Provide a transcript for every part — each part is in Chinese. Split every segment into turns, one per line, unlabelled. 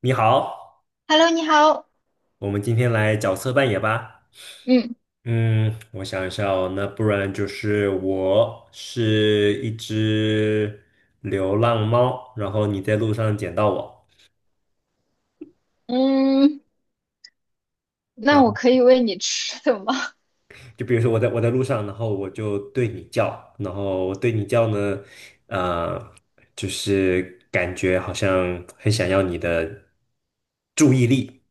你好，
Hello，你好。
我们今天来角色扮演吧。
嗯
嗯，我想一下哦，那不然就是我是一只流浪猫，然后你在路上捡到我，
嗯，
然
那
后
我可以喂你吃的吗？
就比如说我在路上，然后我就对你叫，然后我对你叫呢，呃，就是感觉好像很想要你的注意力，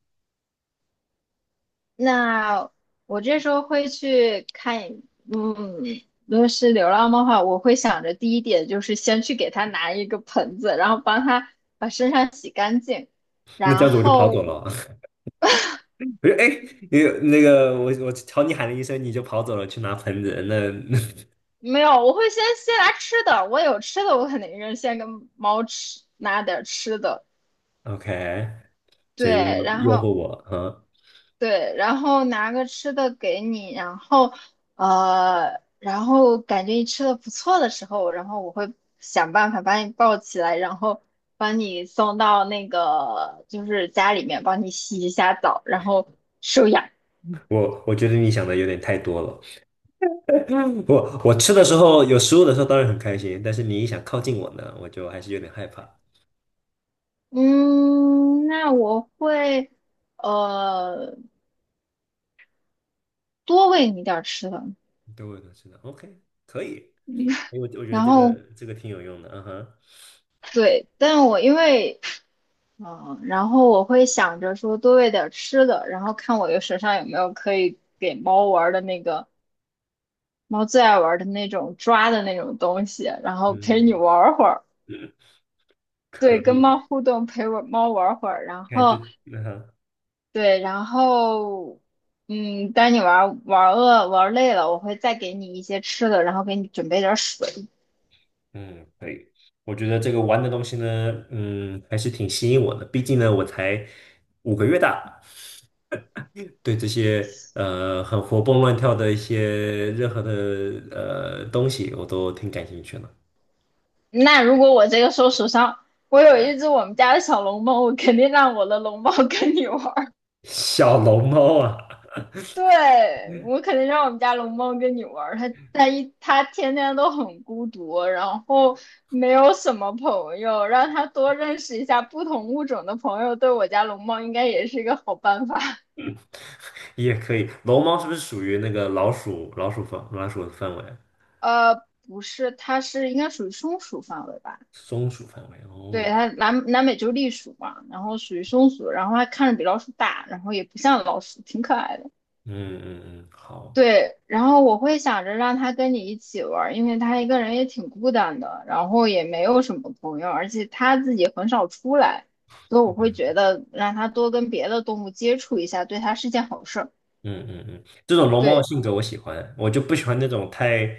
那我这时候会去看嗯，如果是流浪猫的话，我会想着第一点就是先去给它拿一个盆子，然后帮它把身上洗干净，
那这
然
样子我就跑走
后
了。我就哎，诶那个我朝你喊了一声，你就跑走了去拿盆子，那
没有，我会先拿吃的，我有吃的，我肯定是先跟猫吃拿点儿吃的，
OK，所以诱
对，然
诱
后
惑我，啊，
对，然后拿个吃的给你，然后然后感觉你吃的不错的时候，然后我会想办法把你抱起来，然后把你送到那个就是家里面，帮你洗一下澡，然后收养。
我觉得你想的有点太多了。我吃的时候有食物的时候当然很开心，但是你一想靠近我呢，我就还是有点害怕。
嗯，那我会呃多喂你点儿吃的，
对，我都知道。OK，可以，因为我觉得
然
这个
后
这个挺有用的，嗯哼，
对，但我因为嗯，然后我会想着说多喂点吃的，然后看我的手上有没有可以给猫玩儿的那个猫最爱玩儿的那种抓的那种东西，然后陪你
嗯，
玩儿会儿，对，
可
跟
以，
猫互动，陪我猫玩儿会儿，然
看就
后
嗯哼，
对，然后嗯，当你玩儿饿玩儿累了，我会再给你一些吃的，然后给你准备点儿水。
嗯，可以。我觉得这个玩的东西呢，嗯，还是挺吸引我的，毕竟呢，我才5个月大。对这些很活蹦乱跳的一些任何的东西，我都挺感兴趣的。
那如果我这个时候手上我有一只我们家的小龙猫，我肯定让我的龙猫 跟你玩。
小龙猫啊，
对，我肯定让我们家龙猫跟你玩儿，它天天都很孤独，然后没有什么朋友，让它多认识一下不同物种的朋友，对我家龙猫应该也是一个好办法。
也可以。龙猫是不是属于那个老鼠的范围？
呃，不是，它是应该属于松鼠范围吧？
松鼠范围
对，
哦，
它南美洲栗鼠嘛，然后属于松鼠，然后它看着比老鼠大，然后也不像老鼠，挺可爱的。
嗯嗯嗯，好。
对，然后我会想着让他跟你一起玩儿，因为他一个人也挺孤单的，然后也没有什么朋友，而且他自己很少出来，所以我会
嗯
觉得让他多跟别的动物接触一下，对他是件好事儿。
嗯嗯嗯，这种龙猫的
对，
性格我喜欢，我就不喜欢那种太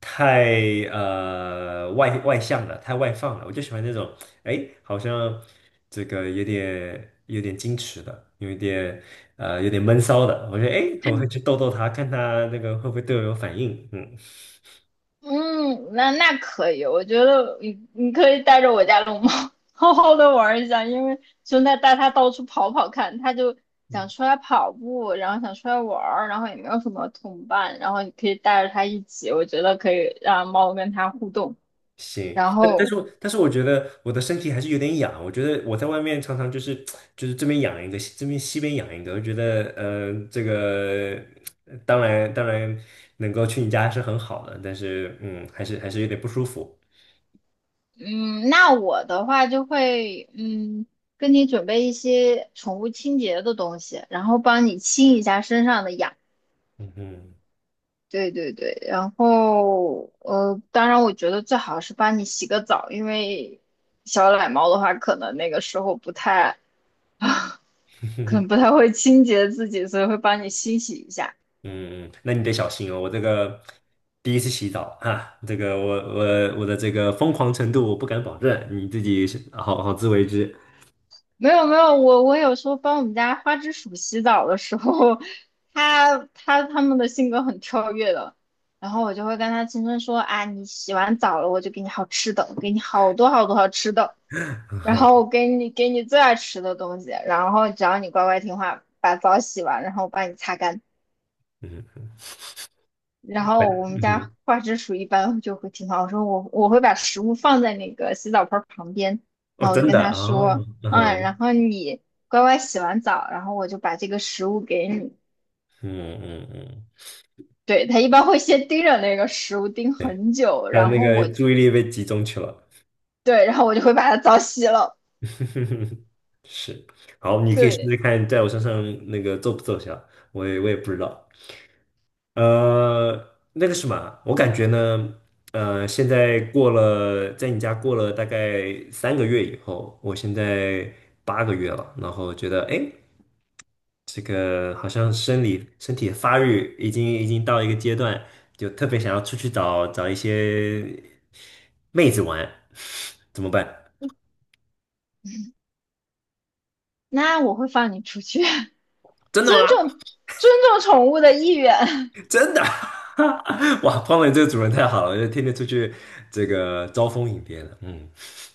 太外向的，太外放了，我就喜欢那种哎，好像这个有点矜持的，有一点有点闷骚的，我觉得哎，我会去逗逗他，看他那个会不会对我有反应，嗯。
嗯，那那可以，我觉得你你可以带着我家龙猫 好好的玩一下，因为就带它到处跑跑看，它就想出来跑步，然后想出来玩儿，然后也没有什么同伴，然后你可以带着它一起，我觉得可以让猫跟它互动。
行，
然
但但
后，
是我但是我觉得我的身体还是有点痒，我觉得我在外面常常就是这边痒一个，这边西边痒一个，我觉得这个当然能够去你家是很好的，但是嗯还是有点不舒服，
嗯，那我的话就会，嗯，跟你准备一些宠物清洁的东西，然后帮你清一下身上的痒。
嗯嗯
对对对，然后当然我觉得最好是帮你洗个澡，因为小奶猫的话，可能那个时候不太，可
嗯
能不太会清洁自己，所以会帮你清洗一下。
嗯，那你得小心哦，我这个第一次洗澡啊，这个我的这个疯狂程度我不敢保证，你自己是好好自为之，
没有没有，我我有时候帮我们家花枝鼠洗澡的时候，它们的性格很跳跃的，然后我就会跟它轻声说啊，你洗完澡了，我就给你好吃的，我给你好多好多好吃的。然后我 给你最爱吃的东西，然后只要你乖乖听话，把澡洗完，然后我帮你擦干。
嗯
然后我们
嗯嗯，
家花枝鼠一般就会听话，我说我我会把食物放在那个洗澡盆儿旁边，
哦
然后我就
真
跟
的
他说，
哦。嗯
嗯，
哼
然后你乖乖洗完澡，然后我就把这个食物给你。
嗯嗯嗯，
对，它一般会先盯着那个食物盯很久，
他的
然
那
后
个
我就
注意力被集中去了，
对，然后我就会把它澡洗了。
是。好，你可以试试
对，
看，在我身上那个奏不奏效，我也不知道。呃，那个什么啊，我感觉呢，现在过了，在你家过了大概3个月以后，我现在8个月了，然后觉得，哎，这个好像生理身体的发育已经到一个阶段，就特别想要出去找找一些妹子玩，怎么办？
那我会放你出去，
真的吗？
尊重尊重宠物的意愿。
真的？哇，胖伟这个主人太好了，就天天出去这个招蜂引蝶的，嗯，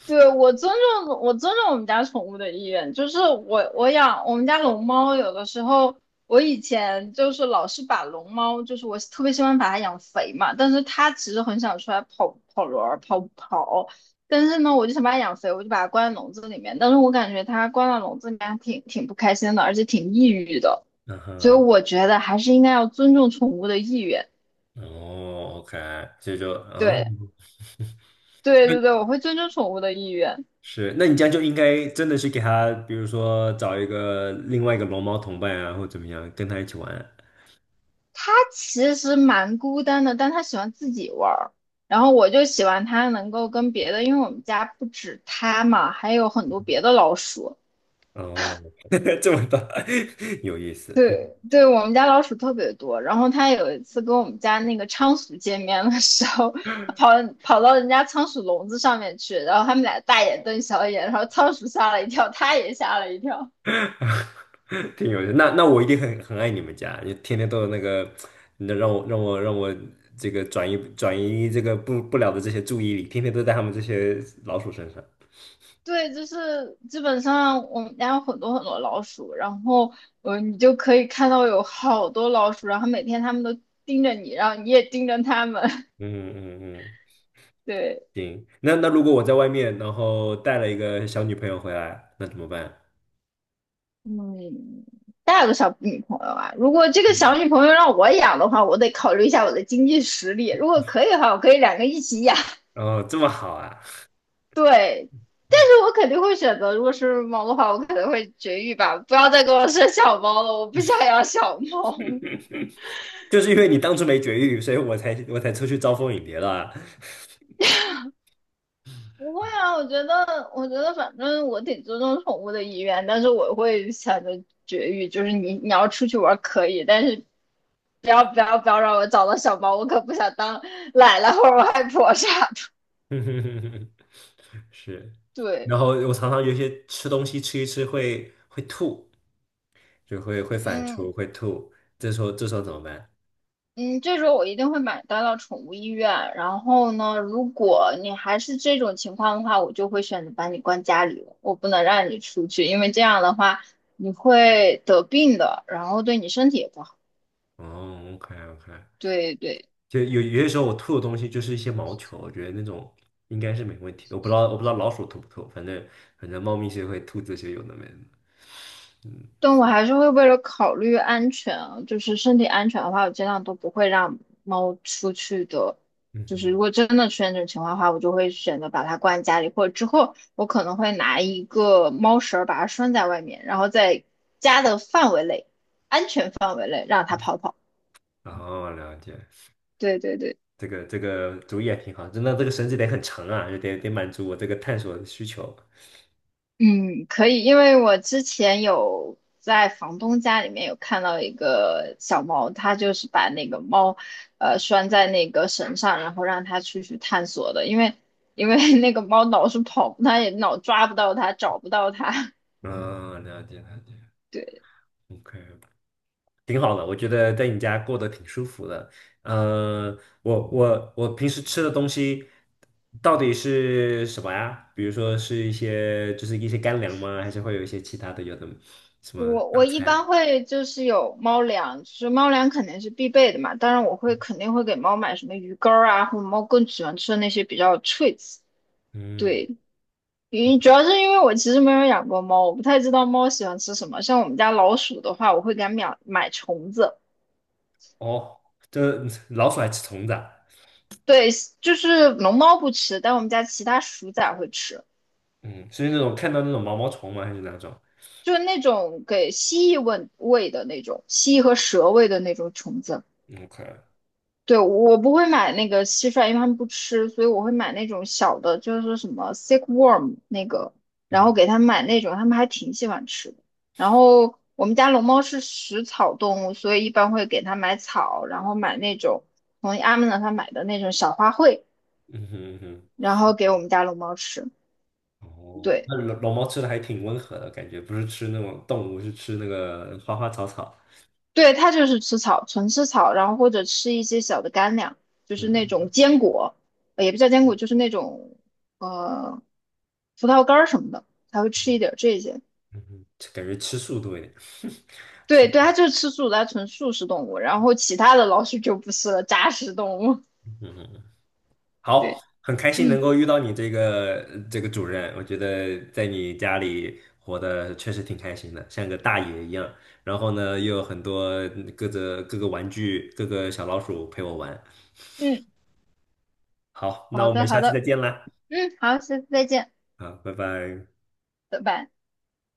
对，我尊重我们家宠物的意愿，就是我我养我们家龙猫，有的时候我以前就是老是把龙猫，就是我特别喜欢把它养肥嘛，但是它其实很想出来跑跑轮儿、跑跑，但是呢，我就想把它养肥，我就把它关在笼子里面，但是我感觉它关在笼子里面还挺不开心的，而且挺抑郁的，
嗯
所以
哼，
我觉得还是应该要尊重宠物的意愿。
哦，OK，所以就，哦，
对 对
那
对对，我会尊重宠物的意愿。
是，那你这样就应该真的是给他，比如说找一个另外一个龙猫同伴啊，或怎么样，跟他一起玩。
其实蛮孤单的，但他喜欢自己玩儿，然后我就喜欢他能够跟别的，因为我们家不止他嘛，还有很多别的老鼠。
哦，这么大，有意思，
对，对，我们家老鼠特别多。然后他有一次跟我们家那个仓鼠见面的时候，他跑到人家仓鼠笼子上面去，然后他们俩大眼瞪小眼，然后仓鼠吓了一跳，他也吓了一跳。
挺有意思。那那我一定很很爱你们家，你天天都有那个，那让我这个转移这个不了的这些注意力，天天都在他们这些老鼠身上。
对，就是基本上我们家有很多很多老鼠，然后你就可以看到有好多老鼠，然后每天它们都盯着你，然后你也盯着它们。
嗯嗯嗯，
对，
行。那那如果我在外面，然后带了一个小女朋友回来，那怎么办？
嗯，带了个小女朋友啊，如果这个
嗯，
小女朋友让我养的话，我得考虑一下我的经济实力。如果可以的话，我可以两个一起养。
哦，这么好啊，
对，但是我肯定会选择，如果是猫的话，我可能会绝育吧，不要再给我生小猫了，我不想养小猫。
就是因为你当初没绝育，所以我才出去招蜂引蝶了啊。
不会啊，我觉得，我觉得反正我挺尊重宠物的意愿，但是我会想着绝育，就是你你要出去玩儿可以，但是不要让我找到小猫，我可不想当奶奶或者外婆啥的。
是，
对，
然后我常常有一些吃东西吃一吃会吐，就会反刍
嗯
会吐，这时候怎么办？
嗯，这时候我一定会买单到宠物医院。然后呢，如果你还是这种情况的话，我就会选择把你关家里了，我不能让你出去，因为这样的话你会得病的，然后对你身体也不好。
哦，OK OK，
对对。
就有些时候我吐的东西就是一些毛球，我觉得那种应该是没问题的。我不知道老鼠吐不吐，反正猫咪是会吐这些有的没的。嗯
但我还是会为了考虑安全啊就是身体安全的话，我尽量都不会让猫出去的。
嗯
就是
哼，
如果真的出现这种情况的话，我就会选择把它关在家里，或者之后我可能会拿一个猫绳儿把它拴在外面，然后在家的范围内、安全范围内让它跑跑。
哦，了解，
对对对。
这个主意也挺好，真的这个绳子得很长啊，就得满足我这个探索的需求。
嗯，可以，因为我之前有在房东家里面有看到一个小猫，它就是把那个猫，拴在那个绳上，然后让它出去探索的，因为 那个猫老是跑，它也老抓不到它，找不到它。
嗯，了解了解
对，
，OK。挺好的，我觉得在你家过得挺舒服的。嗯，我平时吃的东西到底是什么呀？比如说是一些就是一些干粮吗？还是会有一些其他的有的什么
我
大
我一般
餐？
会就是有猫粮，就是猫粮肯定是必备的嘛，当然我会肯定会给猫买什么鱼干儿啊，或者猫更喜欢吃的那些比较 treats。
嗯，
对，因主要是因为我其实没有养过猫，我不太知道猫喜欢吃什么。像我们家老鼠的话，我会给它买虫子。
哦，这老鼠爱吃虫子啊
对，就是龙猫不吃，但我们家其他鼠仔会吃，
嗯，是那种看到那种毛毛虫吗？还是哪种
就是那种给蜥蜴喂的那种，蜥蜴和蛇喂的那种虫子。
？OK，
对，我不会买那个蟋蟀，因为他们不吃，所以我会买那种小的，就是什么 sickworm 那个，然后
嗯
给他们买那种，他们还挺喜欢吃的。然后我们家龙猫是食草动物，所以一般会给它买草，然后买那种从阿姆那他买的那种小花卉，
嗯哼嗯
然后给我们家龙猫吃。
哼，哦，
对。
那老老猫吃的还挺温和的感觉，不是吃那种动物，是吃那个花花草草。
对，它就是吃草，纯吃草，然后或者吃一些小的干粮，就是那种
嗯。
坚果，也不叫坚果，就是那种呃葡萄干儿什么的，它会吃一点儿这些。
嗯哼，这感觉吃素多一点，吃，
对对，它就是吃素的，它纯素食动物，然后其他的老鼠就不是了，杂食动物。
嗯哼，好，
对，
很开心能
嗯
够遇到你这个这个主任，我觉得在你家里活得确实挺开心的，像个大爷一样。然后呢，又有很多各个玩具、各个小老鼠陪我玩。
嗯，
好，那
好
我
的
们
好
下次再
的，
见啦，
嗯好，下次再见，
好，拜拜。
拜拜。